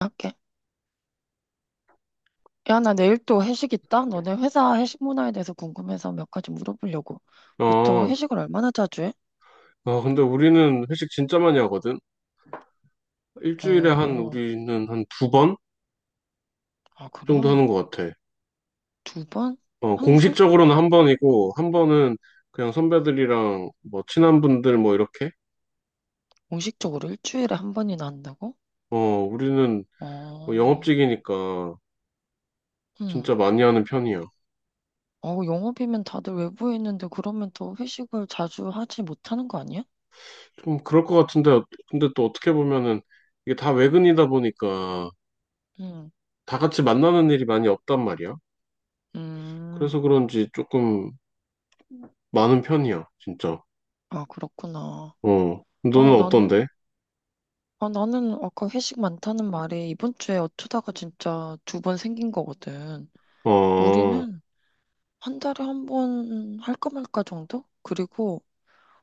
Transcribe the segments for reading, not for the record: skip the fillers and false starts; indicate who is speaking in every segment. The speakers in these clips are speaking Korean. Speaker 1: 할게. 야, 나 내일 또 회식 있다. 너네 회사 회식 문화에 대해서 궁금해서 몇 가지 물어보려고. 보통
Speaker 2: 어,
Speaker 1: 회식을 얼마나 자주 해?
Speaker 2: 아, 근데 우리는 회식 진짜 많이 하거든? 일주일에
Speaker 1: 어,
Speaker 2: 우리는 한 두 번
Speaker 1: 아, 그래?
Speaker 2: 정도 하는 것 같아.
Speaker 1: 두 번?
Speaker 2: 어,
Speaker 1: 항상?
Speaker 2: 공식적으로는 한 번이고, 한 번은 그냥 선배들이랑 뭐 친한 분들 뭐 이렇게?
Speaker 1: 공식적으로 일주일에 한 번이나 한다고?
Speaker 2: 어, 우리는 뭐
Speaker 1: 어,
Speaker 2: 영업직이니까
Speaker 1: 음.
Speaker 2: 진짜 많이 하는 편이야.
Speaker 1: 어, 영업이면 다들 외부에 있는데 그러면 더 회식을 자주 하지 못하는 거 아니야?
Speaker 2: 좀 그럴 것 같은데, 근데 또 어떻게 보면은 이게 다 외근이다 보니까
Speaker 1: 음,
Speaker 2: 다 같이 만나는 일이 많이 없단 말이야. 그래서
Speaker 1: 음.
Speaker 2: 그런지 조금 많은 편이야, 진짜.
Speaker 1: 아, 그렇구나.
Speaker 2: 어, 너는
Speaker 1: 어, 나는,
Speaker 2: 어떤데?
Speaker 1: 아, 나는 아까 회식 많다는 말에 이번 주에 어쩌다가 진짜 두 번 생긴 거거든.
Speaker 2: 어.
Speaker 1: 우리는 한 달에 한 번 할까 말까 정도? 그리고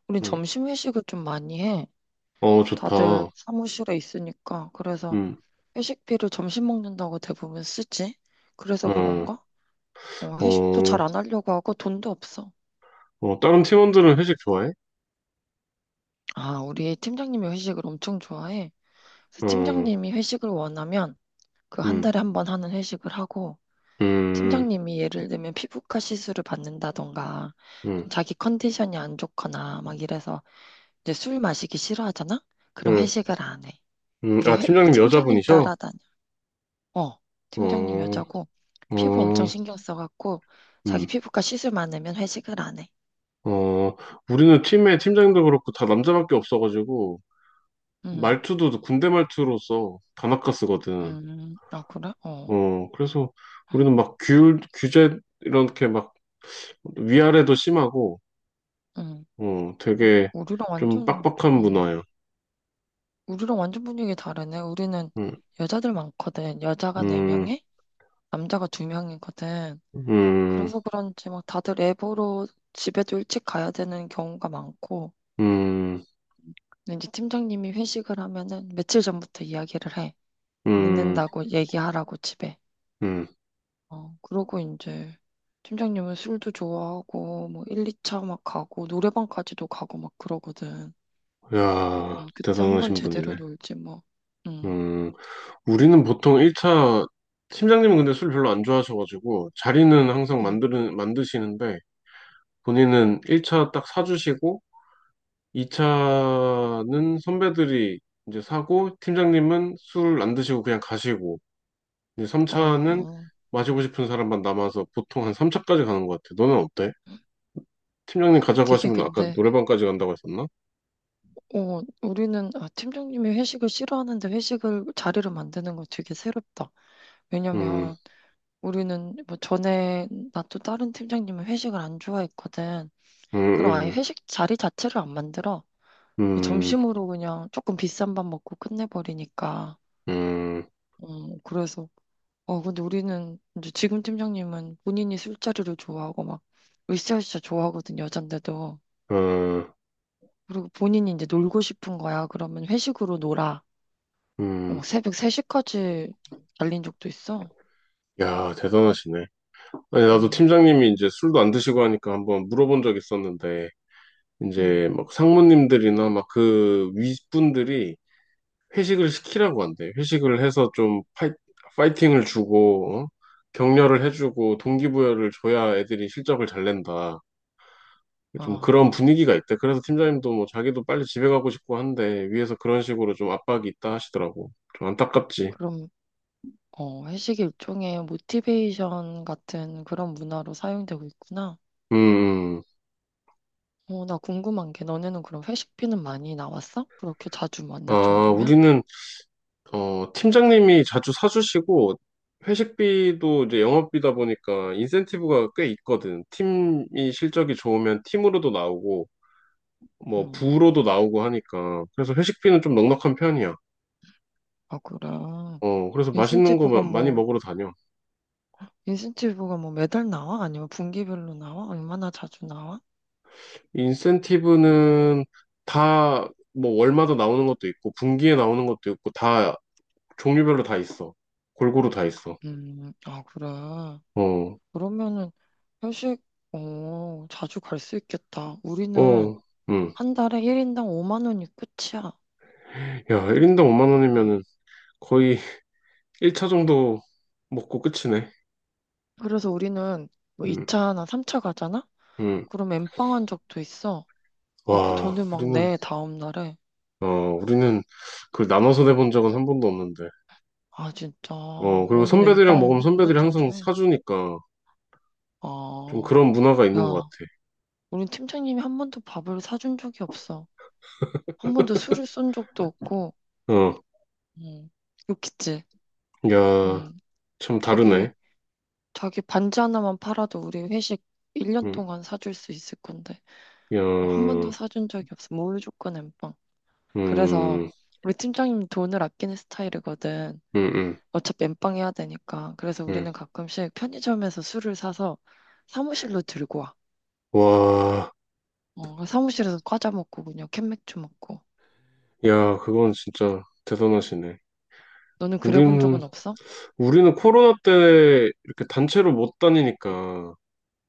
Speaker 1: 우린
Speaker 2: 음,
Speaker 1: 점심 회식을 좀 많이 해.
Speaker 2: 어,
Speaker 1: 다들
Speaker 2: 좋다.
Speaker 1: 사무실에 있으니까. 그래서
Speaker 2: 음,
Speaker 1: 회식비를 점심 먹는다고 대부분 쓰지. 그래서
Speaker 2: 어,
Speaker 1: 그런가? 어, 회식도 잘
Speaker 2: 어,
Speaker 1: 안 하려고 하고 돈도 없어.
Speaker 2: 어, 다른 팀원들은 회식 좋아해?
Speaker 1: 아, 우리 팀장님이 회식을 엄청 좋아해. 그래서
Speaker 2: 어, 응,
Speaker 1: 팀장님이 회식을 원하면 그 한
Speaker 2: 음,
Speaker 1: 달에 한 번 하는 회식을 하고
Speaker 2: 음,
Speaker 1: 팀장님이 예를 들면 피부과 시술을 받는다던가 좀
Speaker 2: 음,
Speaker 1: 자기 컨디션이 안 좋거나 막 이래서 이제 술 마시기 싫어하잖아? 그럼
Speaker 2: 음,
Speaker 1: 회식을 안 해. 이게
Speaker 2: 아,
Speaker 1: 회,
Speaker 2: 팀장님
Speaker 1: 팀장님
Speaker 2: 여자분이셔?
Speaker 1: 따라다녀. 어, 팀장님
Speaker 2: 어,
Speaker 1: 여자고 피부 엄청
Speaker 2: 어,
Speaker 1: 신경 써갖고 자기
Speaker 2: 음,
Speaker 1: 피부과 시술 많으면 회식을 안 해.
Speaker 2: 어, 우리는 팀에 팀장님도 그렇고 다 남자밖에 없어가지고
Speaker 1: 음,
Speaker 2: 말투도 군대 말투로 써. 다나카 쓰거든.
Speaker 1: 아 그래? 어,
Speaker 2: 어, 그래서 우리는 막 규제 이렇게 막 위아래도 심하고,
Speaker 1: 음,
Speaker 2: 어, 되게
Speaker 1: 우리랑
Speaker 2: 좀
Speaker 1: 완전,
Speaker 2: 빡빡한
Speaker 1: 음,
Speaker 2: 문화야.
Speaker 1: 우리랑 완전 분위기 다르네. 우리는
Speaker 2: 음,
Speaker 1: 여자들 많거든. 여자가 네
Speaker 2: 음,
Speaker 1: 명에 남자가 두 명이거든.
Speaker 2: 음.
Speaker 1: 그래서 그런지 막 다들 애보로 집에도 일찍 가야 되는 경우가 많고.
Speaker 2: 음,
Speaker 1: 근데 이제 팀장님이 회식을 하면은 며칠 전부터 이야기를 해.
Speaker 2: 음,
Speaker 1: 늦는다고 얘기하라고 집에.
Speaker 2: 음.
Speaker 1: 어, 그러고 이제 팀장님은 술도 좋아하고 뭐 1, 2차 막 가고 노래방까지도 가고 막 그러거든.
Speaker 2: 야,
Speaker 1: 그때 한 번
Speaker 2: 대단하신
Speaker 1: 제대로
Speaker 2: 분이네.
Speaker 1: 놀지 뭐. 음,
Speaker 2: 음, 우리는 보통 1차, 팀장님은 근데 술 별로 안 좋아하셔가지고, 자리는 항상
Speaker 1: 음.
Speaker 2: 만드시는데, 본인은 1차 딱 사주시고, 2차는 선배들이 이제 사고, 팀장님은 술 안 드시고 그냥 가시고, 이제 3차는
Speaker 1: 어,
Speaker 2: 마시고 싶은 사람만 남아서 보통 한 3차까지 가는 것 같아. 너는 어때? 팀장님 가자고
Speaker 1: 되게
Speaker 2: 하시면 아까
Speaker 1: 근데
Speaker 2: 노래방까지 간다고 했었나?
Speaker 1: 어, 우리는 아, 팀장님이 회식을 싫어하는데 회식을 자리를 만드는 거 되게 새롭다.
Speaker 2: 음,
Speaker 1: 왜냐면 우리는 뭐 전에 나 또 다른 팀장님은 회식을 안 좋아했거든.
Speaker 2: 음,
Speaker 1: 그럼 아예
Speaker 2: 음.
Speaker 1: 회식 자리 자체를 안 만들어.
Speaker 2: 음.
Speaker 1: 점심으로 그냥 조금 비싼 밥 먹고 끝내버리니까.
Speaker 2: 음,
Speaker 1: 그래서, 어, 근데 우리는, 이제 지금 팀장님은 본인이 술자리를 좋아하고 막, 으쌰으쌰 좋아하거든, 여잔데도.
Speaker 2: 음,
Speaker 1: 그리고 본인이 이제 놀고 싶은 거야. 그러면 회식으로 놀아. 어,
Speaker 2: 음.
Speaker 1: 막 새벽 3시까지 달린 적도 있어.
Speaker 2: 야, 대단하시네. 아니, 나도
Speaker 1: 음,
Speaker 2: 팀장님이 이제 술도 안 드시고 하니까 한번 물어본 적 있었는데,
Speaker 1: 음.
Speaker 2: 이제 막 상무님들이나 막 그 윗분들이 회식을 시키라고 한대. 회식을 해서 좀 파이팅을 주고, 어? 격려를 해주고, 동기부여를 줘야 애들이 실적을 잘 낸다. 좀 그런
Speaker 1: 아,
Speaker 2: 분위기가 있대. 그래서 팀장님도 뭐 자기도 빨리 집에 가고 싶고 한데, 위에서 그런 식으로 좀 압박이 있다 하시더라고. 좀 안타깝지.
Speaker 1: 그럼, 어, 회식이 일종의 모티베이션 같은 그런 문화로 사용되고 있구나.
Speaker 2: 음, 음.
Speaker 1: 어, 나 궁금한 게 너네는 그럼 회식비는 많이 나왔어? 그렇게 자주 만날
Speaker 2: 아,
Speaker 1: 정도면?
Speaker 2: 우리는 어, 팀장님이 자주 사주시고, 회식비도 이제 영업비다 보니까 인센티브가 꽤 있거든. 팀이 실적이 좋으면 팀으로도 나오고, 뭐,
Speaker 1: 음,
Speaker 2: 부로도 나오고 하니까. 그래서 회식비는 좀 넉넉한 편이야.
Speaker 1: 아, 그래.
Speaker 2: 어, 그래서 맛있는 거
Speaker 1: 인센티브가
Speaker 2: 많이
Speaker 1: 뭐,
Speaker 2: 먹으러 다녀.
Speaker 1: 인센티브가 뭐 매달 나와? 아니면 분기별로 나와? 얼마나 자주 나와?
Speaker 2: 인센티브는 다, 뭐, 월마다 나오는 것도 있고, 분기에 나오는 것도 있고, 다, 종류별로 다 있어. 골고루 다 있어.
Speaker 1: 아, 그래.
Speaker 2: 어,
Speaker 1: 그러면은 회식, 어, 자주 갈 수 있겠다. 우리는
Speaker 2: 어, 음.
Speaker 1: 한 달에 1인당 5만 원이 끝이야.
Speaker 2: 야, 1인당 5만
Speaker 1: 응.
Speaker 2: 원이면은 거의 1차 정도 먹고 끝이네.
Speaker 1: 그래서 우리는 뭐
Speaker 2: 음,
Speaker 1: 2차나 3차 가잖아?
Speaker 2: 음.
Speaker 1: 그럼 엠빵한 적도 있어. 아, 그
Speaker 2: 와,
Speaker 1: 돈을 막
Speaker 2: 우리는,
Speaker 1: 내, 다음 날에.
Speaker 2: 어, 우리는 그걸 나눠서 내본 적은 한 번도 없는데.
Speaker 1: 아, 진짜.
Speaker 2: 어, 그리고
Speaker 1: 우린
Speaker 2: 선배들이랑 먹으면
Speaker 1: 엠빵
Speaker 2: 선배들이
Speaker 1: 은근
Speaker 2: 항상
Speaker 1: 자주 해.
Speaker 2: 사주니까 좀 그런
Speaker 1: 아,
Speaker 2: 문화가 있는 것
Speaker 1: 야, 우린 팀장님이 한 번도 밥을 사준 적이 없어. 한 번도 술을 쏜 적도 없고,
Speaker 2: 같아. 어,
Speaker 1: 응, 욕했지.
Speaker 2: 야,
Speaker 1: 응,
Speaker 2: 참
Speaker 1: 자기,
Speaker 2: 다르네.
Speaker 1: 자기 반지 하나만 팔아도 우리 회식 1년
Speaker 2: 음,
Speaker 1: 동안 사줄 수 있을 건데,
Speaker 2: 야,
Speaker 1: 어, 한 번도 사준 적이 없어. 무조건 엠빵. 그래서
Speaker 2: 음,
Speaker 1: 우리 팀장님 돈을 아끼는 스타일이거든.
Speaker 2: 음, 음,
Speaker 1: 어차피 엠빵 해야 되니까. 그래서
Speaker 2: 음.
Speaker 1: 우리는 가끔씩 편의점에서 술을 사서 사무실로 들고 와.
Speaker 2: 와,
Speaker 1: 어, 사무실에서 과자 먹고 그냥 캔맥주 먹고.
Speaker 2: 야, 그건 진짜 대단하시네.
Speaker 1: 너는 그래 본
Speaker 2: 우리는,
Speaker 1: 적은 없어?
Speaker 2: 우리는 코로나 때 이렇게 단체로 못 다니니까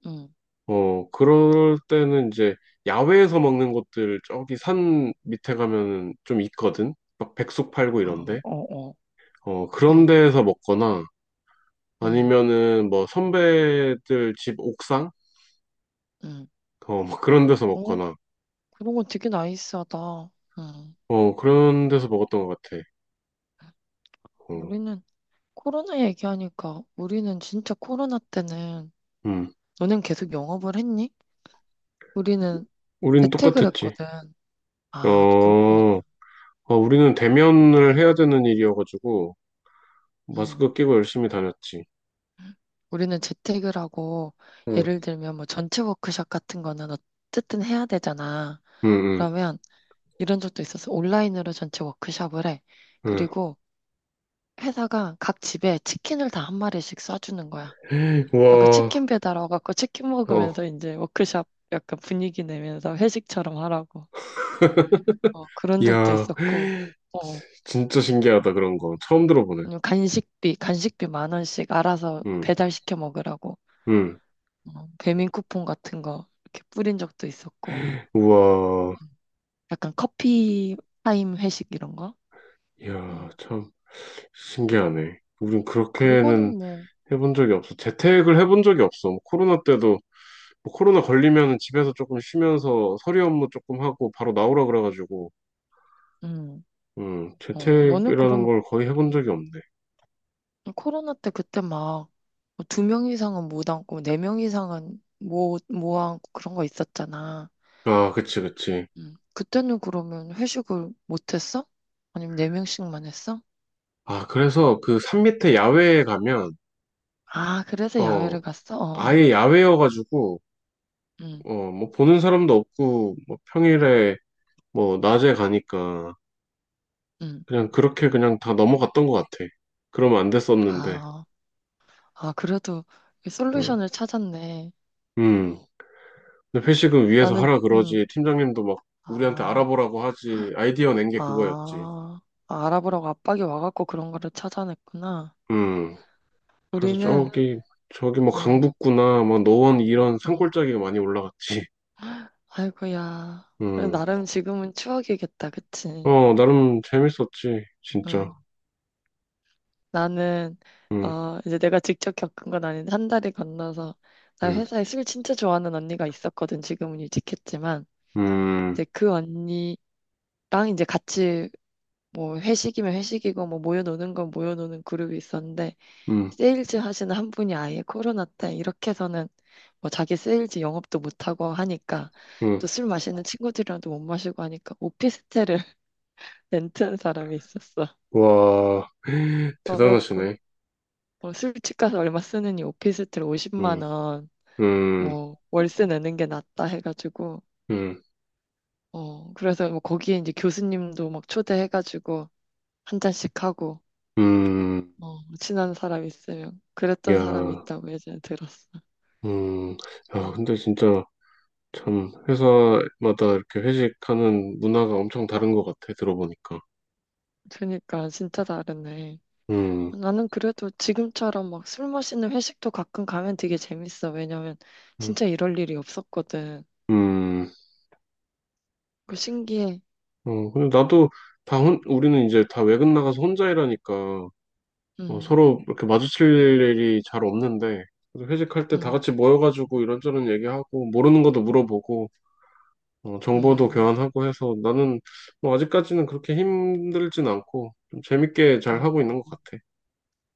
Speaker 1: 응.
Speaker 2: 어, 그럴 때는 이제 야외에서 먹는 곳들 저기 산 밑에 가면은 좀 있거든? 막 백숙 팔고
Speaker 1: 어,
Speaker 2: 이런데?
Speaker 1: 어, 어.
Speaker 2: 어, 그런
Speaker 1: 응,
Speaker 2: 데에서 먹거나
Speaker 1: 응,
Speaker 2: 아니면은 뭐 선배들 집 옥상?
Speaker 1: 응.
Speaker 2: 어, 뭐 그런 데서
Speaker 1: 어,
Speaker 2: 먹거나
Speaker 1: 그런 건 되게 나이스하다. 응.
Speaker 2: 어, 그런 데서 먹었던 것 같아. 어,
Speaker 1: 우리는 코로나 얘기하니까 우리는 진짜 코로나 때는
Speaker 2: 음.
Speaker 1: 너는 계속 영업을 했니? 우리는
Speaker 2: 우린
Speaker 1: 재택을
Speaker 2: 똑같았지.
Speaker 1: 했거든. 아,
Speaker 2: 어,
Speaker 1: 그렇구나.
Speaker 2: 어, 우리는 대면을 해야 되는 일이어가지고
Speaker 1: 응.
Speaker 2: 마스크 끼고 열심히 다녔지.
Speaker 1: 우리는 재택을 하고
Speaker 2: 응,
Speaker 1: 예를 들면 뭐 전체 워크숍 같은 거는 어쨌든 해야 되잖아.
Speaker 2: 응,
Speaker 1: 그러면 이런 적도 있었어. 온라인으로 전체 워크숍을 해.
Speaker 2: 응, 응.
Speaker 1: 그리고 회사가 각 집에 치킨을 다 한 마리씩 쏴주는 거야. 아, 그
Speaker 2: 와,
Speaker 1: 치킨 배달 와갖고 치킨
Speaker 2: 어.
Speaker 1: 먹으면서 이제 워크숍 약간 분위기 내면서 회식처럼 하라고. 어, 그런 적도
Speaker 2: 이야,
Speaker 1: 있었고, 어,
Speaker 2: 진짜 신기하다, 그런 거. 처음 들어보네.
Speaker 1: 아니면 간식비 만 원씩 알아서
Speaker 2: 응,
Speaker 1: 배달시켜 먹으라고.
Speaker 2: 응.
Speaker 1: 어, 배민 쿠폰 같은 거 이렇게 뿌린 적도 있었고,
Speaker 2: 우와,
Speaker 1: 음. 약간 커피 타임 회식 이런 거.
Speaker 2: 이야,
Speaker 1: 음.
Speaker 2: 참 신기하네. 우린
Speaker 1: 그리고는
Speaker 2: 그렇게는
Speaker 1: 뭐,
Speaker 2: 해본 적이 없어. 재택을 해본 적이 없어. 뭐 코로나 때도, 뭐 코로나 걸리면 집에서 조금 쉬면서 서류 업무 조금 하고 바로 나오라 그래가지고,
Speaker 1: 음,
Speaker 2: 응,
Speaker 1: 어, 너는
Speaker 2: 재택이라는
Speaker 1: 그러면
Speaker 2: 걸 거의 해본 적이
Speaker 1: 음,
Speaker 2: 없네.
Speaker 1: 코로나 때 그때 막 뭐 두명 이상은 못 앉고 네 명 이상은 못 앉고 그런 거 있었잖아.
Speaker 2: 아, 그치, 그치.
Speaker 1: 음. 그때는 그러면 회식을 못 했어? 아니면 네 명씩만 했어?
Speaker 2: 아, 그래서 그 산 밑에
Speaker 1: 음.
Speaker 2: 야외에 가면,
Speaker 1: 아, 그래서
Speaker 2: 어,
Speaker 1: 야외를 갔어? 어, 어.
Speaker 2: 아예 야외여가지고,
Speaker 1: 음,
Speaker 2: 어, 뭐 보는 사람도 없고 뭐 평일에 뭐 낮에 가니까
Speaker 1: 음.
Speaker 2: 그냥 그렇게 그냥 다 넘어갔던 것 같아. 그러면 안 됐었는데.
Speaker 1: 아, 아, 그래도
Speaker 2: 응.
Speaker 1: 솔루션을 찾았네.
Speaker 2: 음. 근데 회식은 위에서
Speaker 1: 나는,
Speaker 2: 하라
Speaker 1: 음,
Speaker 2: 그러지. 팀장님도 막 우리한테
Speaker 1: 아,
Speaker 2: 알아보라고 하지. 아이디어 낸 게 그거였지.
Speaker 1: 아, 아, 알아보라고 압박이 와갖고 그런 거를 찾아냈구나.
Speaker 2: 음. 그래서
Speaker 1: 우리는,
Speaker 2: 저기 뭐
Speaker 1: 어,
Speaker 2: 강북구나 막 노원 이런
Speaker 1: 어.
Speaker 2: 산골짜기가 많이 올라갔지.
Speaker 1: 아이고야. 그래도
Speaker 2: 음.
Speaker 1: 나름 지금은 추억이겠다, 그치?
Speaker 2: 어, 나름 재밌었지. 진짜.
Speaker 1: 응. 나는,
Speaker 2: 음.
Speaker 1: 어, 이제 내가 직접 겪은 건 아닌데, 한 달이 건너서, 나
Speaker 2: 음.
Speaker 1: 회사에 술 진짜 좋아하는 언니가 있었거든. 지금은 일찍했지만,
Speaker 2: 음.
Speaker 1: 이제 그 언니랑 이제 같이 뭐 회식이면 회식이고, 뭐 모여노는 건 모여노는 그룹이 있었는데,
Speaker 2: 음.
Speaker 1: 세일즈 하시는 한 분이 아예 코로나 때 이렇게 해서는 뭐 자기 세일즈 영업도 못하고 하니까,
Speaker 2: 음.
Speaker 1: 또 술 마시는 친구들이랑도 못 마시고 하니까 오피스텔을 렌트한 사람이 있었어.
Speaker 2: 와,
Speaker 1: 어, 그래갖고
Speaker 2: 대단하시네.
Speaker 1: 어, 술집 가서 얼마 쓰느니 오피스텔
Speaker 2: 음.
Speaker 1: 50만 원,
Speaker 2: 음,
Speaker 1: 뭐 월세 내는 게 낫다 해가지고
Speaker 2: 음,
Speaker 1: 어 그래서 뭐 거기에 이제 교수님도 막 초대해가지고 한 잔씩 하고
Speaker 2: 음,
Speaker 1: 어 친한 사람 있으면 그랬던
Speaker 2: 야,
Speaker 1: 사람이 있다고 예전에 들었어.
Speaker 2: 음, 야,
Speaker 1: 음.
Speaker 2: 근데 진짜 참 회사마다 이렇게 회식하는 문화가 엄청 다른 것 같아, 들어보니까.
Speaker 1: 그러니까 진짜 다르네.
Speaker 2: 음,
Speaker 1: 나는 그래도 지금처럼 막 술 마시는 회식도 가끔 가면 되게 재밌어. 왜냐면
Speaker 2: 음,
Speaker 1: 진짜 이럴 일이 없었거든.
Speaker 2: 음,
Speaker 1: 그 신기해.
Speaker 2: 어, 근데 나도 우리는 이제 다 외근 나가서 혼자 일하니까 어,
Speaker 1: 음,
Speaker 2: 서로 이렇게 마주칠 일이 잘 없는데, 그래도 회식할 때 다
Speaker 1: 음,
Speaker 2: 같이 모여가지고 이런저런 얘기하고, 모르는 것도 물어보고, 어, 정보도
Speaker 1: 음.
Speaker 2: 교환하고 해서 나는 뭐 아직까지는 그렇게 힘들진 않고 좀 재밌게 잘 하고 있는 것
Speaker 1: 음,
Speaker 2: 같아.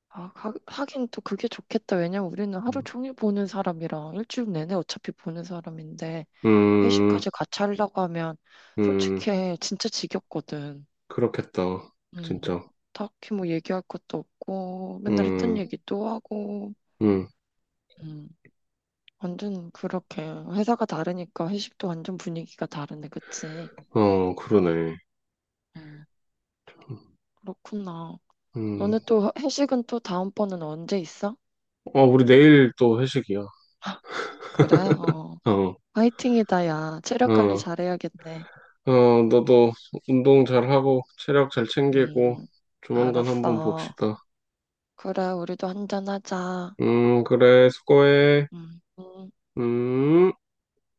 Speaker 1: 아, 하, 하긴 또 그게 좋겠다. 왜냐면 우리는 하루
Speaker 2: 음,
Speaker 1: 종일 보는 사람이랑 일주일 내내 어차피 보는 사람인데
Speaker 2: 음,
Speaker 1: 회식까지 같이 하려고 하면
Speaker 2: 음,
Speaker 1: 솔직히 진짜 지겹거든.
Speaker 2: 그렇겠다.
Speaker 1: 음,
Speaker 2: 진짜.
Speaker 1: 딱히 뭐 얘기할 것도 없고 맨날 했던
Speaker 2: 음,
Speaker 1: 얘기 또 하고.
Speaker 2: 음,
Speaker 1: 음, 완전 그렇게 회사가 다르니까 회식도 완전 분위기가 다르네, 그치?
Speaker 2: 어, 그러네.
Speaker 1: 음, 그렇구나.
Speaker 2: 음,
Speaker 1: 너네 또 회식은 또 다음번은 언제 있어?
Speaker 2: 어, 우리 내일 또 회식이야.
Speaker 1: 그래? 어.
Speaker 2: 어,
Speaker 1: 화이팅이다, 야. 체력 관리
Speaker 2: 어,
Speaker 1: 잘해야겠네.
Speaker 2: 어, 너도 운동 잘하고 체력 잘 챙기고
Speaker 1: 음,
Speaker 2: 조만간 한번
Speaker 1: 알았어.
Speaker 2: 봅시다.
Speaker 1: 그래, 우리도 한잔하자.
Speaker 2: 그래, 수고해.
Speaker 1: 음. 음.
Speaker 2: 음.